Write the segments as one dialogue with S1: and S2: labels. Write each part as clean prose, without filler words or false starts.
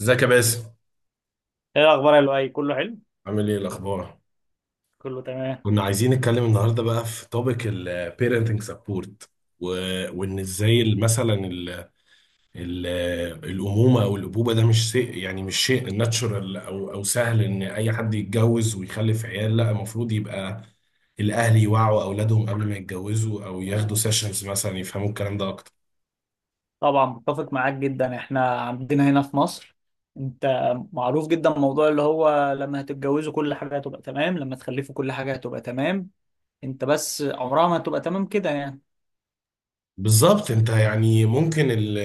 S1: ازيك يا باسم؟
S2: ايه الاخبار يا لؤي، كله حلو؟
S1: عامل ايه الاخبار؟
S2: كله تمام.
S1: كنا عايزين نتكلم النهارده بقى في توبيك البيرنتنج سبورت، وان ازاي مثلا ال الامومه او الابوبه ده مش شيء، يعني مش شيء ناتشورال او سهل ان اي حد يتجوز ويخلف عيال. لا، المفروض يبقى الاهل يوعوا اولادهم قبل ما يتجوزوا، او ياخدوا سيشنز مثلا يفهموا الكلام ده اكتر.
S2: طبعا متفق معاك جدا. احنا عندنا هنا في مصر، انت معروف جدا موضوع اللي هو لما هتتجوزوا كل حاجه هتبقى تمام، لما تخلفوا كل حاجه هتبقى تمام. انت بس عمرها ما هتبقى تمام كده يعني.
S1: بالظبط، انت يعني ممكن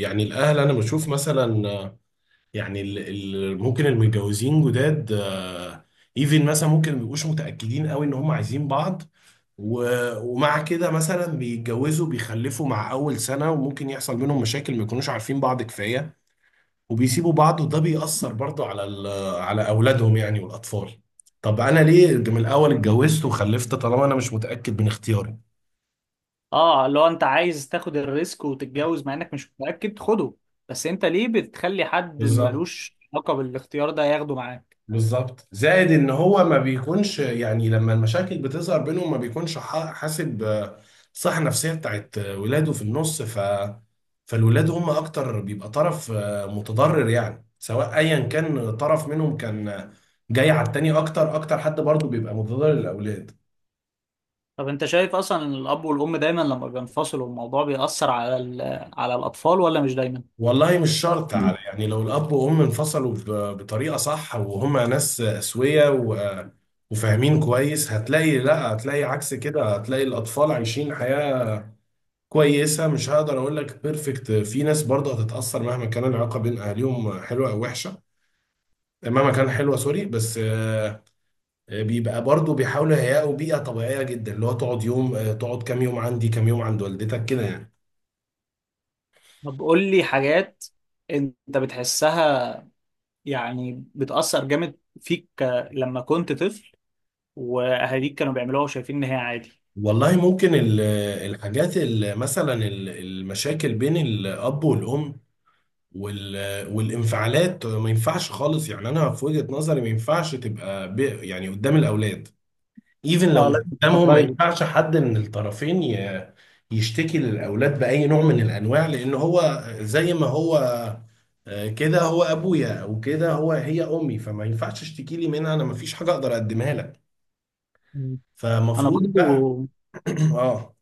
S1: يعني الاهل، انا بشوف مثلا يعني ممكن المتجوزين جداد ايفن، مثلا ممكن ما بيبقوش متأكدين قوي ان هم عايزين بعض، و- ومع كده مثلا بيتجوزوا بيخلفوا مع اول سنة، وممكن يحصل بينهم مشاكل ما يكونوش عارفين بعض كفاية، وبيسيبوا بعض. وده بيأثر برضه على على اولادهم يعني والاطفال. طب انا ليه من الاول اتجوزت وخلفت طالما انا مش متأكد من اختياري؟
S2: اه لو انت عايز تاخد الريسك وتتجوز مع انك مش متاكد خده، بس انت ليه بتخلي حد
S1: بالظبط.
S2: ملوش علاقه بالاختيار ده ياخده معاك؟
S1: بالظبط، زائد ان هو ما بيكونش، يعني لما المشاكل بتظهر بينهم ما بيكونش حاسب، الصحة النفسية بتاعت ولاده في النص. فالولاد هم اكتر بيبقى طرف متضرر يعني، سواء ايا كان طرف منهم كان جاي على التاني اكتر، اكتر حد برضه بيبقى متضرر للاولاد.
S2: طب انت شايف اصلا الاب والام دايما لما بينفصلوا الموضوع بيأثر على على الاطفال ولا مش دايما؟
S1: والله مش شرط، على يعني لو الاب وام انفصلوا بطريقة صح وهما ناس اسوية وفاهمين كويس، هتلاقي لا، هتلاقي عكس كده، هتلاقي الاطفال عايشين حياة كويسه، مش هقدر اقول لك بيرفكت. في ناس برضه هتتاثر مهما كان العلاقه بين اهاليهم حلوه او وحشه. مهما كان حلوه، سوري، بس بيبقى برضه بيحاولوا يهيئوا بيئه طبيعيه جدا، اللي هو تقعد يوم تقعد كام يوم عندي كام يوم عند والدتك كده يعني.
S2: طب قول لي حاجات انت بتحسها يعني بتأثر جامد فيك لما كنت طفل واهاليك كانوا بيعملوها وشايفين ان هي عادي؟
S1: والله ممكن الحاجات مثلا المشاكل بين الاب والام والانفعالات ما ينفعش خالص يعني. انا في وجهة نظري ما ينفعش تبقى يعني قدام الاولاد، ايفن لو
S2: اه
S1: مش
S2: لازم تبقى
S1: قدامهم. ما
S2: برايفت.
S1: ينفعش حد من الطرفين يشتكي للاولاد باي نوع من الانواع، لان هو زي ما هو كده هو ابويا، او كده هو هي امي، فما ينفعش اشتكي لي منها انا، ما فيش حاجه اقدر اقدمها لك.
S2: مم. انا
S1: فمفروض بقى.
S2: برضو
S1: اه،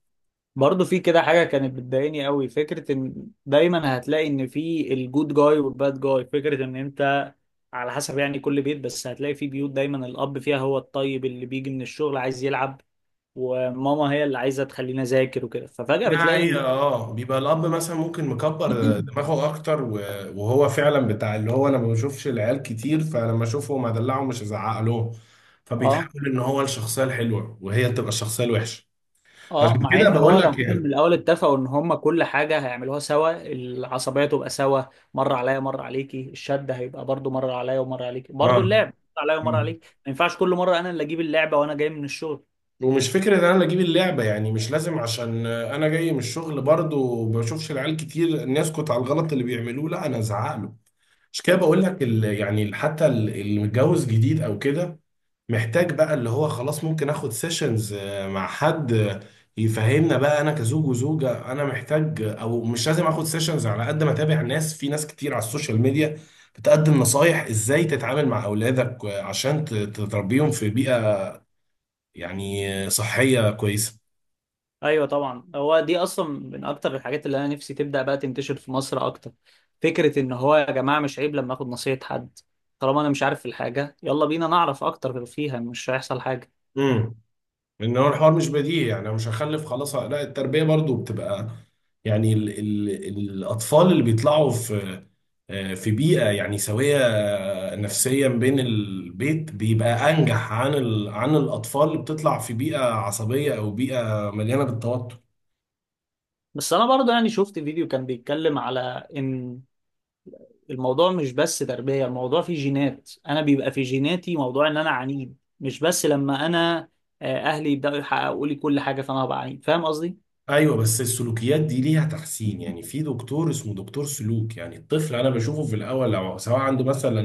S2: برضو في كده حاجة كانت بتضايقني قوي، فكرة ان دايما هتلاقي ان في الجود جاي والباد جاي، فكرة ان انت على حسب يعني كل بيت، بس هتلاقي في بيوت دايما الاب فيها هو الطيب اللي بيجي من الشغل عايز يلعب وماما هي اللي عايزة تخلينا ذاكر وكده، ففجأة
S1: دي
S2: بتلاقي ان
S1: حقيقة. اه بيبقى الأب مثلا ممكن مكبر دماغه أكتر، وهو فعلا بتاع اللي هو أنا ما بشوفش العيال كتير، فلما أشوفهم أدلعهم، مش هزعق لهم.
S2: اه.
S1: فبيتحول إن هو الشخصية الحلوة وهي تبقى الشخصية الوحشة.
S2: اه
S1: عشان
S2: مع
S1: كده
S2: ان هو
S1: بقول لك
S2: لو كان من
S1: كده.
S2: الاول اتفقوا ان هم كل حاجه هيعملوها سوا، العصبيه تبقى سوا، مره عليا مره عليكي، الشد هيبقى برضو مره عليا ومره عليكي،
S1: اه.
S2: برضو اللعب مره عليا ومره
S1: مم.
S2: عليك. ما ينفعش كل مره انا اللي اجيب اللعبه وانا جاي من الشغل.
S1: ومش فكرة ان انا اجيب اللعبة يعني مش لازم، عشان انا جاي من الشغل برضو بشوفش العيال كتير، ان يسكت على الغلط اللي بيعملوه، لا انا ازعق له. عشان كده بقول لك يعني حتى اللي متجوز جديد او كده محتاج بقى، اللي هو خلاص ممكن اخد سيشنز مع حد يفهمنا بقى انا كزوج وزوجة، انا محتاج او مش لازم اخد سيشنز. على قد ما اتابع ناس، في ناس كتير على السوشيال ميديا بتقدم نصايح ازاي تتعامل مع اولادك عشان تربيهم في بيئة يعني صحية كويسة.
S2: ايوه طبعا، هو دي اصلا من اكتر الحاجات اللي انا نفسي تبدا بقى تنتشر في مصر اكتر، فكره ان هو يا جماعه مش عيب لما اخد نصيحه حد. طالما انا مش عارف الحاجه يلا بينا نعرف اكتر فيها، مش هيحصل حاجه.
S1: امم لان هو الحوار مش بديهي، يعني انا مش هخلف خلاص، لا التربيه برضو بتبقى يعني ال الاطفال اللي بيطلعوا في بيئه يعني سويه نفسيا بين البيت، بيبقى انجح عن ال عن الاطفال اللي بتطلع في بيئه عصبيه او بيئه مليانه بالتوتر.
S2: بس انا برضو يعني شفت فيديو كان بيتكلم على ان الموضوع مش بس تربية، الموضوع فيه جينات. أنا بيبقى في جيناتي موضوع إن أنا عنيد، مش بس لما أنا أهلي يبدأوا يحققوا لي كل حاجة فأنا هبقى عنيد، فاهم قصدي؟
S1: ايوه، بس السلوكيات دي ليها تحسين. يعني في دكتور اسمه دكتور سلوك، يعني الطفل انا بشوفه في الاول لو سواء عنده مثلا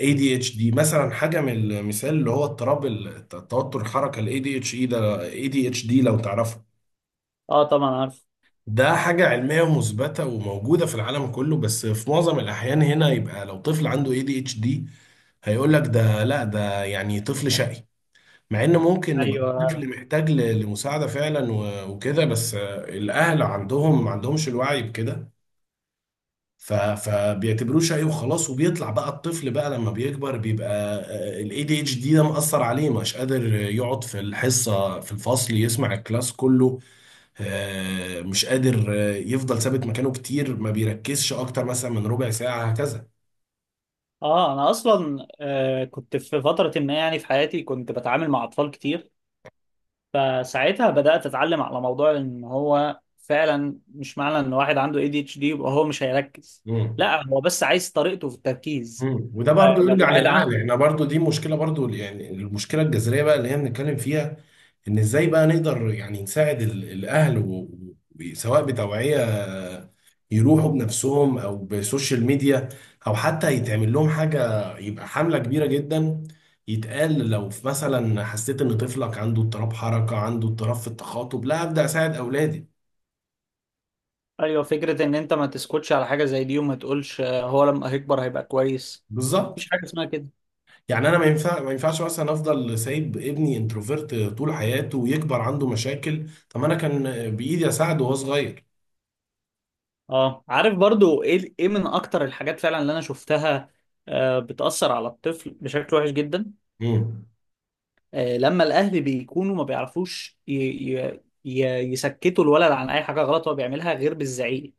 S1: ADHD مثلا، حاجة من المثال اللي هو اضطراب التوتر الحركة ال ADHD ده، ADHD لو تعرفه.
S2: أه طبعا عارف.
S1: ده حاجة علمية مثبتة وموجودة في العالم كله، بس في معظم الأحيان هنا يبقى لو طفل عنده ADHD هيقول لك ده، لا ده يعني طفل شقي، مع ان ممكن يبقى الطفل
S2: أيوه.
S1: محتاج لمساعدة فعلا وكده. بس الأهل عندهم ما عندهمش الوعي بكده. فبيعتبروه شقي وخلاص. وبيطلع بقى الطفل بقى لما بيكبر بيبقى الاي دي اتش دي ده مأثر عليه، مش قادر يقعد في الحصة في الفصل يسمع الكلاس كله مش قادر يفضل ثابت مكانه كتير، ما بيركزش اكتر مثلا من ربع ساعة هكذا.
S2: أه أنا أصلا كنت في فترة ما يعني في حياتي كنت بتعامل مع أطفال كتير، فساعتها بدأت أتعلم على موضوع إن هو فعلا مش معنى إن واحد عنده ADHD يبقى هو مش هيركز.
S1: مم.
S2: لا هو بس عايز طريقته في التركيز.
S1: مم. وده برضو
S2: آه، لو
S1: يرجع
S2: واحد
S1: للاهل،
S2: عن...
S1: احنا برضو دي مشكله برضو يعني، المشكله الجذريه بقى اللي هي بنتكلم فيها، ان ازاي بقى نقدر يعني نساعد الاهل سواء بتوعيه يروحوا بنفسهم او بسوشيال ميديا، او حتى يتعمل لهم حاجه يبقى حمله كبيره جدا، يتقال لو في مثلا حسيت ان طفلك عنده اضطراب حركه، عنده اضطراب في التخاطب، لا ابدا اساعد اولادي.
S2: ايوه فكره ان انت ما تسكتش على حاجه زي دي وما تقولش هو لما هيكبر هيبقى كويس.
S1: بالظبط.
S2: مفيش حاجه اسمها كده.
S1: يعني انا ما ينفعش مثلا افضل سايب ابني انتروفيرت طول حياته ويكبر عنده مشاكل، طب انا كان بايدي اساعده وهو صغير.
S2: اه عارف برضو، ايه ايه من اكتر الحاجات فعلا اللي انا شفتها بتأثر على الطفل بشكل وحش جدا؟
S1: امم.
S2: لما الاهل بيكونوا ما بيعرفوش ي... ي... يسكتوا الولد عن اي حاجه غلط هو بيعملها غير بالزعيق.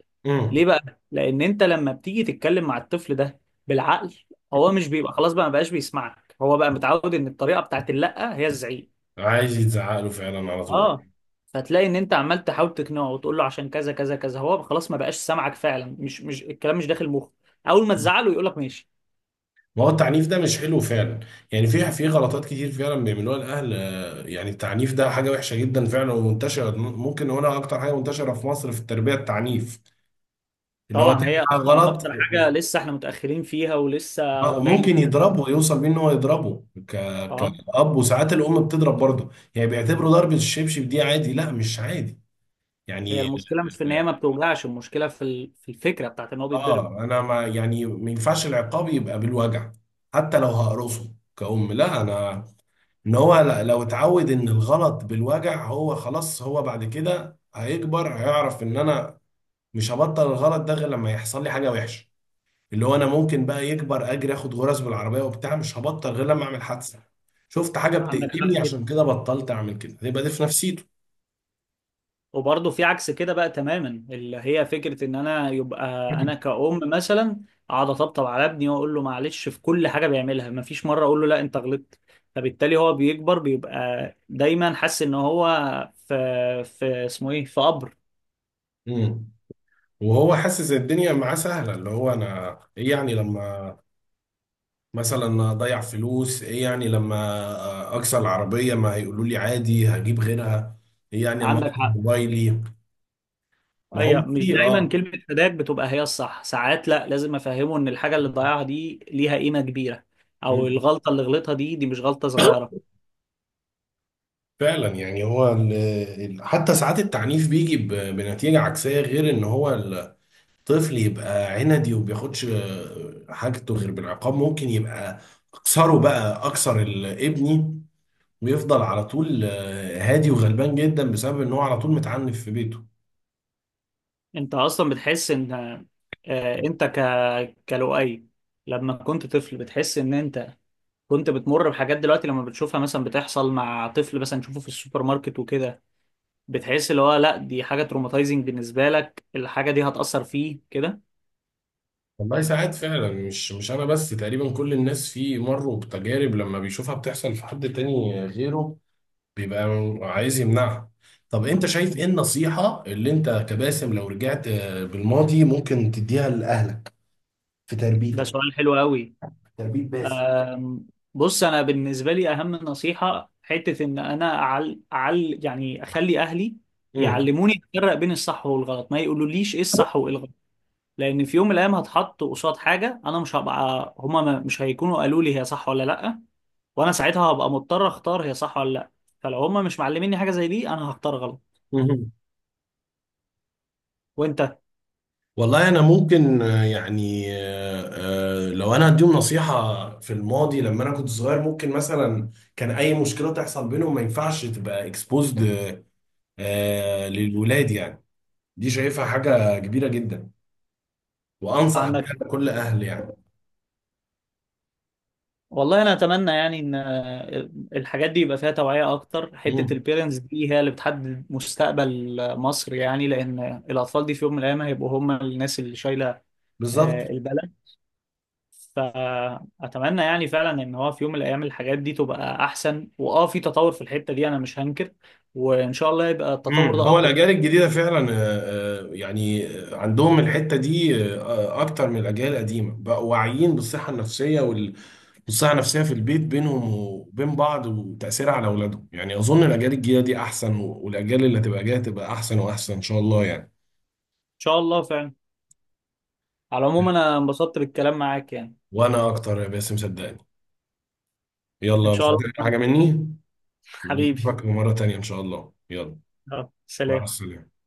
S2: ليه
S1: امم.
S2: بقى؟ لان انت لما بتيجي تتكلم مع الطفل ده بالعقل هو مش بيبقى، خلاص بقى ما بقاش بيسمعك، هو بقى متعود ان الطريقه بتاعت اللأ هي الزعيق.
S1: عايز يتزعق له فعلا على طول.
S2: اه. فتلاقي ان انت عمال تحاول تقنعه وتقول له عشان كذا كذا كذا، هو خلاص ما بقاش سامعك فعلا، مش الكلام مش داخل مخه. اول ما تزعله يقول لك ماشي.
S1: ما هو التعنيف ده مش حلو فعلا. يعني في غلطات كتير فعلا بيعملوها الاهل، يعني التعنيف ده حاجه وحشه جدا فعلا ومنتشره، ممكن هنا اكتر حاجه منتشره في مصر في التربيه التعنيف، اللي هو
S2: طبعا، هي
S1: تعمل حاجه
S2: اصلا
S1: غلط
S2: اكتر حاجه لسه احنا متاخرين فيها ولسه راجعين
S1: وممكن
S2: فيها
S1: يضربه،
S2: شوية.
S1: يوصل بيه ان هو يضربه
S2: اه.
S1: كأب. وساعات الأم بتضرب برضه، يعني بيعتبروا ضربة الشبشب دي عادي، لا مش عادي
S2: هي
S1: يعني.
S2: المشكله مش في ان هي ما بتوجعش، المشكله في في الفكره بتاعت ان هو بيتضرب.
S1: اه انا، ما يعني ما ينفعش العقاب يبقى بالوجع، حتى لو هقرصه كأم، لا انا، ان هو لو اتعود ان الغلط بالوجع، هو خلاص هو بعد كده هيكبر هيعرف ان انا مش هبطل الغلط ده غير لما يحصل لي حاجة وحشة. اللي هو انا ممكن بقى يكبر اجري اخد غرز بالعربيه وبتاع، مش هبطل غير لما اعمل حادثه. شفت حاجه
S2: عندك حق
S1: بتألمني
S2: جدا.
S1: عشان كده بطلت اعمل كده، يبقى دي في نفسيته.
S2: وبرضه في عكس كده بقى تماما، اللي هي فكرة ان انا يبقى انا كأم مثلا اقعد اطبطب على ابني واقول له معلش في كل حاجة بيعملها، مفيش مرة اقول له لا انت غلطت، فبالتالي هو بيكبر بيبقى دايما حاسس ان هو في في اسمه ايه، في قبر.
S1: امم. وهو حاسس إن الدنيا معاه سهله، اللي هو انا ايه يعني لما مثلا اضيع فلوس، ايه يعني لما اكسر العربيه ما هيقولوا لي عادي هجيب غيرها، ايه يعني لما اكسر
S2: عندك حق.
S1: موبايلي. ما هو
S2: ايوه، مش
S1: في
S2: دايما
S1: اه.
S2: كلمة فداك بتبقى هي الصح، ساعات لا، لازم افهمه ان الحاجة اللي ضيعها دي ليها قيمة كبيرة، او
S1: مم.
S2: الغلطة اللي غلطها دي، دي مش غلطة صغيرة.
S1: فعلا يعني هو حتى ساعات التعنيف بيجي بنتيجة عكسية، غير ان هو طفل يبقى عندي وما بياخدش حاجته غير بالعقاب، ممكن يبقى اكسره بقى، اكسر ابني، ويفضل على طول هادي وغلبان جدا بسبب ان هو على طول متعنف في بيته.
S2: انت اصلا بتحس ان انت كلؤي لما كنت طفل، بتحس ان انت كنت بتمر بحاجات دلوقتي لما بتشوفها مثلا بتحصل مع طفل، مثلا تشوفه في السوبر ماركت وكده، بتحس اللي هو لا دي حاجة تروماتايزنج بالنسبة لك، الحاجة دي هتأثر فيه كده؟
S1: والله ساعات فعلا، مش انا بس، تقريبا كل الناس في مروا بتجارب لما بيشوفها بتحصل في حد تاني غيره بيبقى عايز يمنعها. طب انت شايف ايه النصيحة اللي انت كباسم لو رجعت بالماضي ممكن تديها لأهلك في
S2: ده
S1: تربيتك،
S2: سؤال حلو قوي.
S1: تربية باسم؟
S2: أم، بص انا بالنسبة لي اهم نصيحة حتة ان انا يعني اخلي اهلي يعلموني افرق بين الصح والغلط، ما يقولوليش ايه الصح وايه الغلط، لان في يوم من الايام هتحط قصاد حاجه انا مش هبقى هما ما- مش هيكونوا قالوا لي هي صح ولا لا، وانا ساعتها هبقى مضطر اختار هي صح ولا لا، فلو هما مش معلميني حاجه زي دي انا هختار غلط.
S1: مم.
S2: وانت؟
S1: والله انا ممكن يعني لو انا هديهم نصيحه في الماضي لما انا كنت صغير، ممكن مثلا كان اي مشكله تحصل بينهم ما ينفعش تبقى اكسبوزد للولاد يعني. دي شايفها حاجه كبيره جدا وانصح بيها
S2: عندك،
S1: لكل اهل يعني.
S2: والله انا اتمنى يعني ان الحاجات دي يبقى فيها توعيه اكتر، حته
S1: مم.
S2: البيرنتس دي هي اللي بتحدد مستقبل مصر يعني، لان الاطفال دي في يوم من الايام هيبقوا هما الناس اللي شايله
S1: بالظبط.
S2: البلد. فأتمنى يعني فعلا إن هو في يوم من الأيام الحاجات دي تبقى أحسن، وأه في تطور في الحتة دي أنا مش هنكر، وإن شاء الله يبقى التطور
S1: مم.
S2: ده
S1: هو
S2: أقوى.
S1: الاجيال الجديده فعلا يعني عندهم الحته دي اكتر من الاجيال القديمه، بقوا واعيين بالصحه النفسيه والصحة النفسية في البيت بينهم وبين بعض وتأثيرها على أولادهم. يعني أظن الأجيال الجاية دي أحسن، والأجيال اللي هتبقى جاية تبقى أحسن وأحسن إن شاء الله يعني.
S2: إن شاء الله فعلا. على العموم أنا انبسطت بالكلام معاك يعني.
S1: وأنا أكتر يا باسم، صدقني.
S2: إن
S1: يلا
S2: شاء
S1: مش هتعمل حاجة
S2: الله.
S1: مني.
S2: حبيبي.
S1: نشوفك مرة تانية إن شاء الله. يلا،
S2: يلا،
S1: مع
S2: سلام.
S1: السلامة.